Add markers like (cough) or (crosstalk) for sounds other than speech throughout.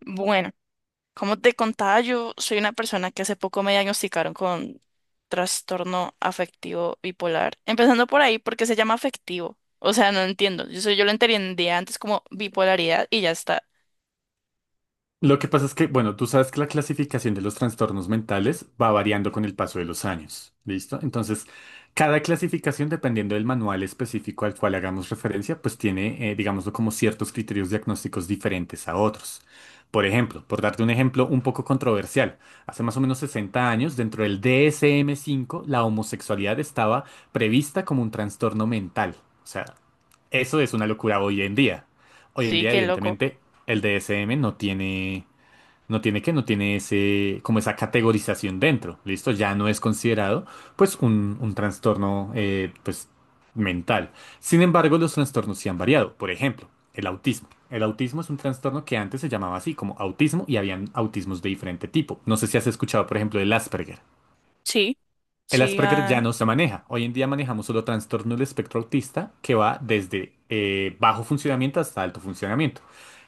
Bueno, como te contaba, yo soy una persona que hace poco me diagnosticaron con trastorno afectivo bipolar. Empezando por ahí, porque se llama afectivo? O sea, no entiendo. Yo, yo lo entendía antes como bipolaridad y ya está. Lo que pasa es que, bueno, tú sabes que la clasificación de los trastornos mentales va variando con el paso de los años, ¿listo? Entonces, cada clasificación, dependiendo del manual específico al cual hagamos referencia, pues tiene, digámoslo, como ciertos criterios diagnósticos diferentes a otros. Por ejemplo, por darte un ejemplo un poco controversial, hace más o menos 60 años, dentro del DSM-5 la homosexualidad estaba prevista como un trastorno mental. O sea, eso es una locura hoy en día. Hoy en Sí, día, qué loco. evidentemente, el DSM no tiene ese, como esa categorización dentro, ¿listo? Ya no es considerado, pues, un trastorno, pues, mental. Sin embargo, los trastornos sí han variado. Por ejemplo, el autismo. El autismo es un trastorno que antes se llamaba así, como autismo, y habían autismos de diferente tipo. No sé si has escuchado, por ejemplo, del Asperger. Sí, El sí, Asperger ya no se maneja. Hoy en día manejamos solo trastorno del espectro autista que va desde bajo funcionamiento hasta alto funcionamiento.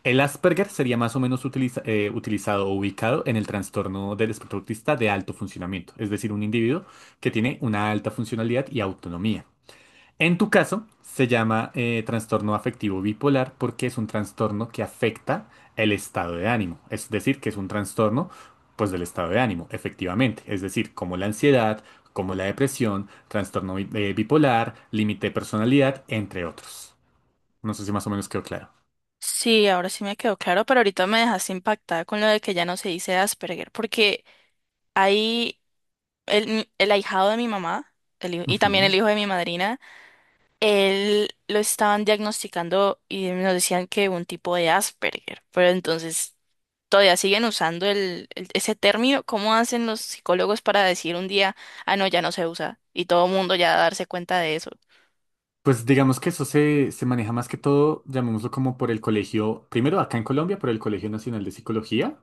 El Asperger sería más o menos utilizado o ubicado en el trastorno del espectro autista de alto funcionamiento, es decir, un individuo que tiene una alta funcionalidad y autonomía. En tu caso, se llama trastorno afectivo bipolar porque es un trastorno que afecta el estado de ánimo. Es decir, que es un trastorno, pues, del estado de ánimo, efectivamente. Es decir, como la ansiedad, como la depresión, trastorno bipolar, límite de personalidad, entre otros. No sé si más o menos quedó claro. sí, ahora sí me quedó claro, pero ahorita me dejaste impactada con lo de que ya no se dice Asperger, porque ahí el ahijado de mi mamá, y también el Ujú. hijo de mi madrina, él lo estaban diagnosticando y nos decían que un tipo de Asperger, pero entonces todavía siguen usando ese término. ¿Cómo hacen los psicólogos para decir un día, ah, no, ya no se usa? Y todo el mundo ya darse cuenta de eso. Pues digamos que eso se maneja más que todo, llamémoslo como por el colegio, primero acá en Colombia, por el Colegio Nacional de Psicología.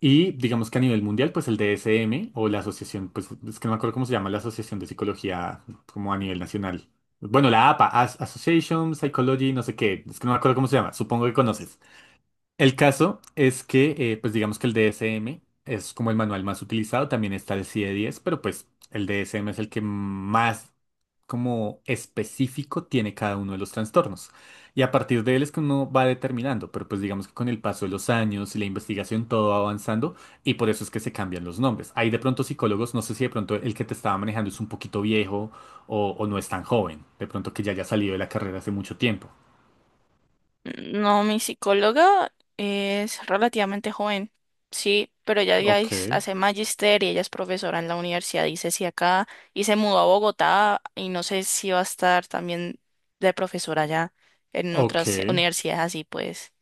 Y digamos que a nivel mundial, pues el DSM o la asociación, pues es que no me acuerdo cómo se llama la Asociación de Psicología como a nivel nacional. Bueno, la APA, Association Psychology, no sé qué, es que no me acuerdo cómo se llama, supongo que conoces. El caso es que, pues digamos que el DSM es como el manual más utilizado, también está el CIE-10, pero pues el DSM es el que más como específico tiene cada uno de los trastornos. Y a partir de él es que uno va determinando, pero pues digamos que con el paso de los años y la investigación todo va avanzando y por eso es que se cambian los nombres. Hay de pronto psicólogos, no sé si de pronto el que te estaba manejando es un poquito viejo o no es tan joven, de pronto que ya haya salido de la carrera hace mucho tiempo. No, mi psicóloga es relativamente joven, sí, pero Ok, hace magister y ella es profesora en la universidad, dice si acá, y se mudó a Bogotá y no sé si va a estar también de profesora ya en otras ok. universidades así, pues,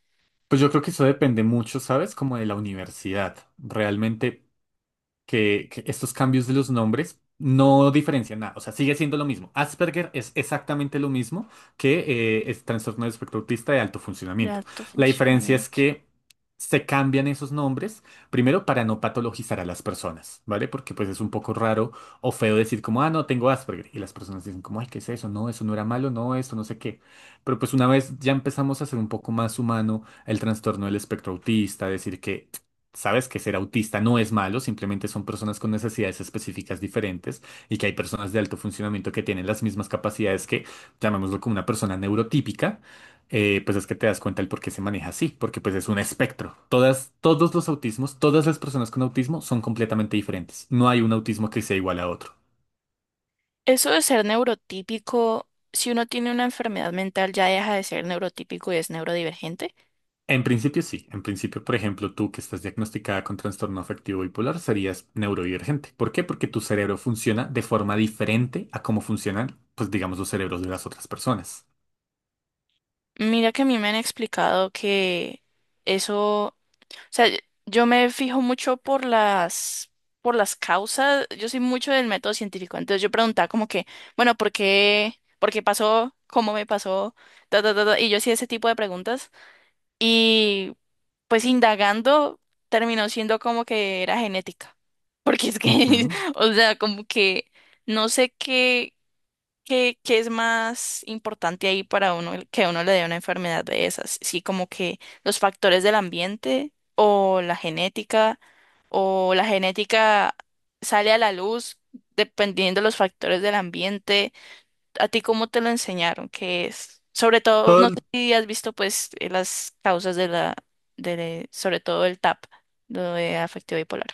Pues yo creo que eso depende mucho, ¿sabes? Como de la universidad. Realmente, que estos cambios de los nombres no diferencian nada. O sea, sigue siendo lo mismo. Asperger es exactamente lo mismo que es trastorno del espectro autista de alto de funcionamiento. alto La diferencia es funcionamiento. que se cambian esos nombres, primero para no patologizar a las personas, ¿vale? Porque pues es un poco raro o feo decir como, ah, no, tengo Asperger. Y las personas dicen como, ay, ¿qué es eso? No, eso no era malo, no, esto no sé qué. Pero pues una vez ya empezamos a hacer un poco más humano el trastorno del espectro autista, decir que sabes que ser autista no es malo, simplemente son personas con necesidades específicas diferentes y que hay personas de alto funcionamiento que tienen las mismas capacidades que, llamémoslo como una persona neurotípica, pues es que te das cuenta el por qué se maneja así, porque pues es un espectro. Todos los autismos, todas las personas con autismo son completamente diferentes. No hay un autismo que sea igual a otro. Eso de ser neurotípico, si uno tiene una enfermedad mental ya deja de ser neurotípico y es neurodivergente. En principio sí. En principio, por ejemplo, tú que estás diagnosticada con trastorno afectivo bipolar serías neurodivergente. ¿Por qué? Porque tu cerebro funciona de forma diferente a cómo funcionan, pues digamos, los cerebros de las otras personas. Mira que a mí me han explicado que eso... sea, yo yo me fijo mucho por las causas. Yo soy mucho del método científico. Entonces yo preguntaba como que, bueno, ¿por qué? ¿Por qué pasó? ¿Cómo me pasó? Ta, ta, ta, ta, y yo hacía ese tipo de preguntas. Y pues indagando, terminó siendo como que era genética. (laughs) Porque es que, Ujú. (laughs) o sea, como que no sé qué. ¿Qué, qué es más importante ahí para uno que a uno le dé una enfermedad de esas? Sí, como que los factores del ambiente o la genética, o la genética sale a la luz dependiendo de los factores del ambiente. ¿A ti cómo te lo enseñaron? ¿Qué es? Sobre todo, Todo no sé el- si has visto las causas de sobre todo el TAP, lo de afectivo bipolar.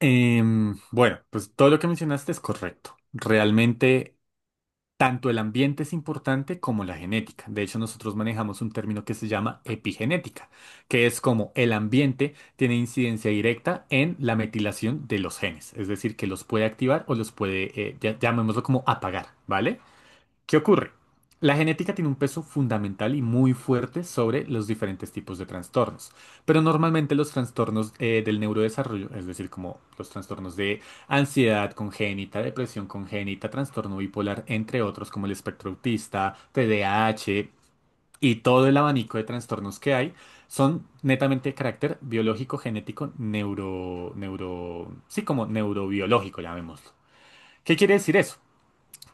bueno, pues todo lo que mencionaste es correcto. Realmente, tanto el ambiente es importante como la genética. De hecho, nosotros manejamos un término que se llama epigenética, que es como el ambiente tiene incidencia directa en la metilación de los genes, es decir, que los puede activar o los puede, llamémoslo como apagar, ¿vale? ¿Qué ocurre? La genética tiene un peso fundamental y muy fuerte sobre los diferentes tipos de trastornos, pero normalmente los trastornos del neurodesarrollo, es decir, como los trastornos de ansiedad congénita, depresión congénita, trastorno bipolar, entre otros como el espectro autista, TDAH y todo el abanico de trastornos que hay, son netamente de carácter biológico, genético, sí, como neurobiológico, llamémoslo. ¿Qué quiere decir eso?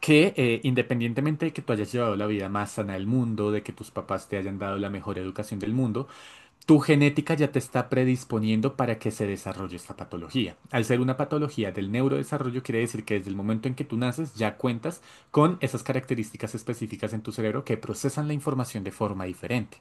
Que independientemente de que tú hayas llevado la vida más sana del mundo, de que tus papás te hayan dado la mejor educación del mundo, tu genética ya te está predisponiendo para que se desarrolle esta patología. Al ser una patología del neurodesarrollo, quiere decir que desde el momento en que tú naces ya cuentas con esas características específicas en tu cerebro que procesan la información de forma diferente.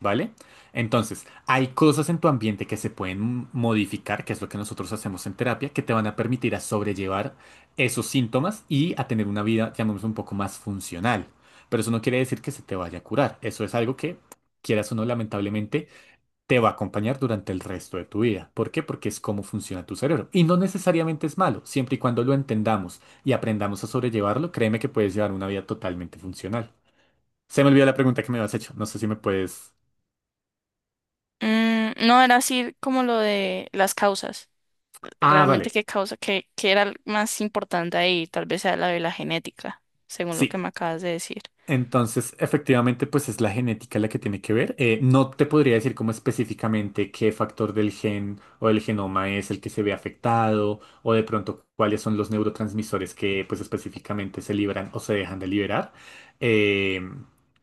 ¿Vale? Entonces, hay cosas en tu ambiente que se pueden modificar, que es lo que nosotros hacemos en terapia, que te van a permitir a sobrellevar esos síntomas y a tener una vida, llamemos, un poco más funcional. Pero eso no quiere decir que se te vaya a curar. Eso es algo que, quieras o no, lamentablemente, te va a acompañar durante el resto de tu vida. ¿Por qué? Porque es cómo funciona tu cerebro. Y no necesariamente es malo. Siempre y cuando lo entendamos y aprendamos a sobrellevarlo, créeme que puedes llevar una vida totalmente funcional. Se me olvidó la pregunta que me habías hecho. No sé si me puedes... Mm, no, era así como lo de las causas. Ah, Realmente vale. qué causa, qué era el más importante ahí, tal vez sea la de la genética, según lo Sí, que me acabas de decir. entonces efectivamente pues es la genética la que tiene que ver. No te podría decir como específicamente qué factor del gen o del genoma es el que se ve afectado o de pronto cuáles son los neurotransmisores que pues específicamente se liberan o se dejan de liberar. Eh,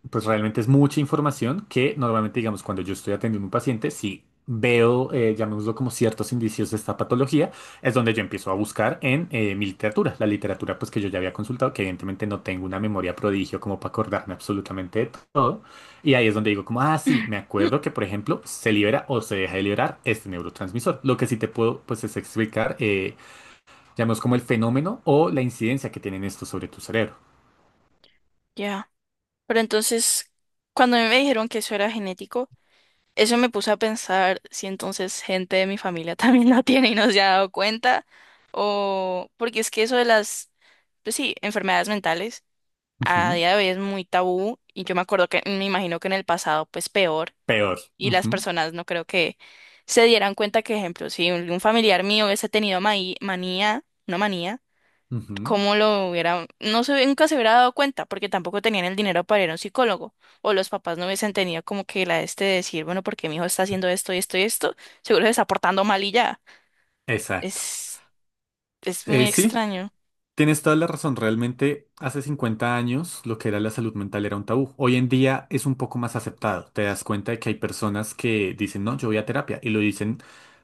pues realmente es mucha información que normalmente digamos cuando yo estoy atendiendo a un paciente, si veo, llamémoslo como ciertos indicios de esta patología, es donde yo empiezo a buscar en mi literatura, la literatura pues que yo ya había consultado, que evidentemente no tengo una memoria prodigio como para acordarme absolutamente de todo. Y ahí es donde digo como, ah, sí, me Mm, acuerdo que por ejemplo se libera o se deja de liberar este neurotransmisor. Lo que sí te puedo pues es explicar, llamemos como el fenómeno o la incidencia que tienen estos sobre tu cerebro. ya. Pero entonces, cuando a mí me dijeron que eso era genético, eso me puso a pensar si entonces gente de mi familia (laughs) también lo tiene y no se ha dado cuenta, o porque es que eso de las, pues sí, enfermedades mentales a Ujú. día de hoy es muy tabú, y yo me acuerdo que me imagino que en el pasado pues peor. Peor. Y las Ujú. personas no creo que se dieran cuenta que, ejemplo, si un familiar mío hubiese tenido manía, una manía, Ujú. cómo lo hubiera, no se, nunca se hubiera dado cuenta porque tampoco tenían el dinero para ir a un psicólogo, o los papás no hubiesen tenido como que la este de decir, bueno, porque mi hijo está haciendo esto y esto y esto? Seguro se está portando mal y ya. Exacto. Es, es muy Sí, extraño. tienes toda la razón, realmente hace 50 años lo que era la salud mental era un tabú. Hoy en día es un poco más aceptado. Te das cuenta de que hay personas que dicen, no, yo voy a terapia y lo dicen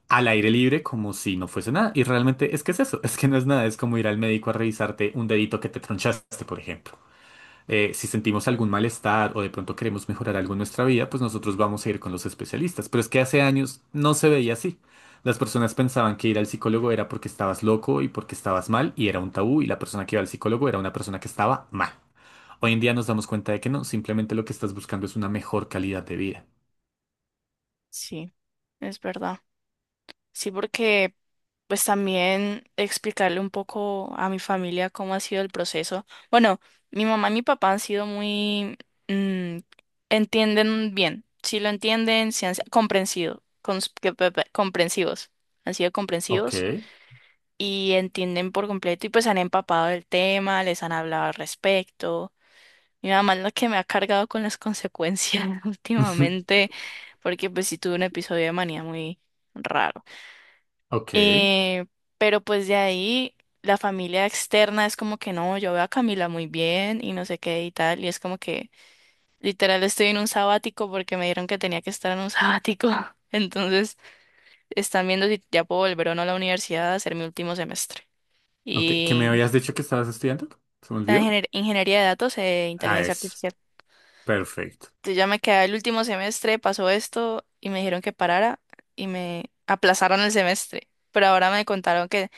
al aire libre como si no fuese nada. Y realmente es que es eso, (laughs) es que no es nada, es como ir al médico a revisarte un dedito que te tronchaste, por ejemplo. Si sentimos algún malestar o de pronto queremos mejorar algo en nuestra vida, pues nosotros vamos a ir con los especialistas. Pero es que hace años no se veía así. Las personas pensaban que ir al psicólogo era porque estabas loco y porque estabas mal y era un tabú y la persona que iba al psicólogo era una persona que estaba mal. Hoy en día nos damos cuenta de que no, simplemente lo que estás buscando es una mejor calidad de vida. Sí, es verdad. Sí, porque pues también explicarle un poco a mi familia cómo ha sido el proceso. Bueno, mi mamá y mi papá han sido muy... mm, entienden bien, sí lo entienden, sí han sido comprensido, comprensivos, han sido Ok, comprensivos y entienden por completo y pues han empapado del tema, les han hablado al respecto. Mi mamá es la que me ha cargado con las consecuencias (laughs) (laughs) últimamente, porque pues sí tuve un episodio de manía muy raro. ok, Eh, pero pues de ahí la familia externa es como que no, yo veo a Camila muy bien y no sé qué y tal. Y es como que literal estoy en un sabático porque me dijeron que tenía que estar en un sabático. (laughs) Entonces están viendo si ya puedo volver o no a la universidad a hacer mi último semestre. ok. ¿Qué me Y habías dicho que estabas estudiando? ¿Se me olvidó? Ingeniería de datos e Ah, inteligencia eso. artificial. Perfecto. Entonces ya me quedé el último semestre, pasó esto y me dijeron que parara y me aplazaron el semestre. Pero ahora me contaron que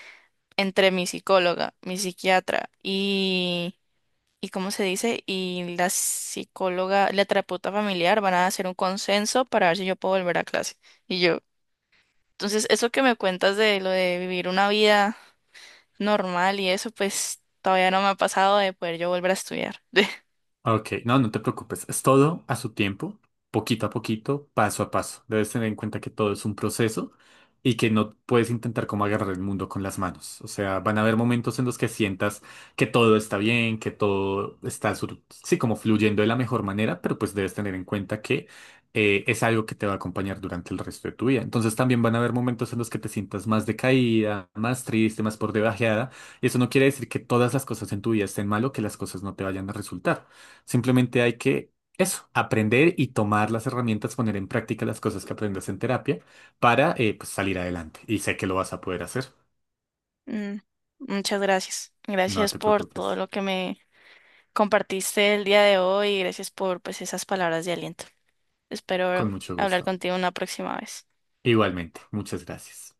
entre mi psicóloga, mi psiquiatra y ¿cómo se dice? Y la psicóloga, la terapeuta familiar van a hacer un consenso para ver si yo puedo volver a clase. Y yo, entonces, eso que me cuentas de lo de vivir una vida normal y eso, pues todavía no me ha pasado de poder yo volver a estudiar. (laughs) Ok, no, no te preocupes. Es todo a su tiempo, poquito a poquito, paso a paso. Debes tener en cuenta que todo es un proceso y que no puedes intentar como agarrar el mundo con las manos. O sea, van a haber momentos en los que sientas que todo está bien, que todo está, sí, como fluyendo de la mejor manera, pero pues debes tener en cuenta que es algo que te va a acompañar durante el resto de tu vida. Entonces también van a haber momentos en los que te sientas más decaída, más triste, más por debajeada. Y eso no quiere decir que todas las cosas en tu vida estén mal o que las cosas no te vayan a resultar. Simplemente hay que eso, aprender y tomar las herramientas, poner en práctica las cosas que aprendas en terapia para pues salir adelante. Y sé que lo vas a poder hacer. Mm, muchas gracias. No Gracias te por todo preocupes. lo que me compartiste el día de hoy y gracias por pues esas palabras de aliento. Espero Con mucho hablar gusto. contigo una próxima vez. Igualmente. Muchas gracias.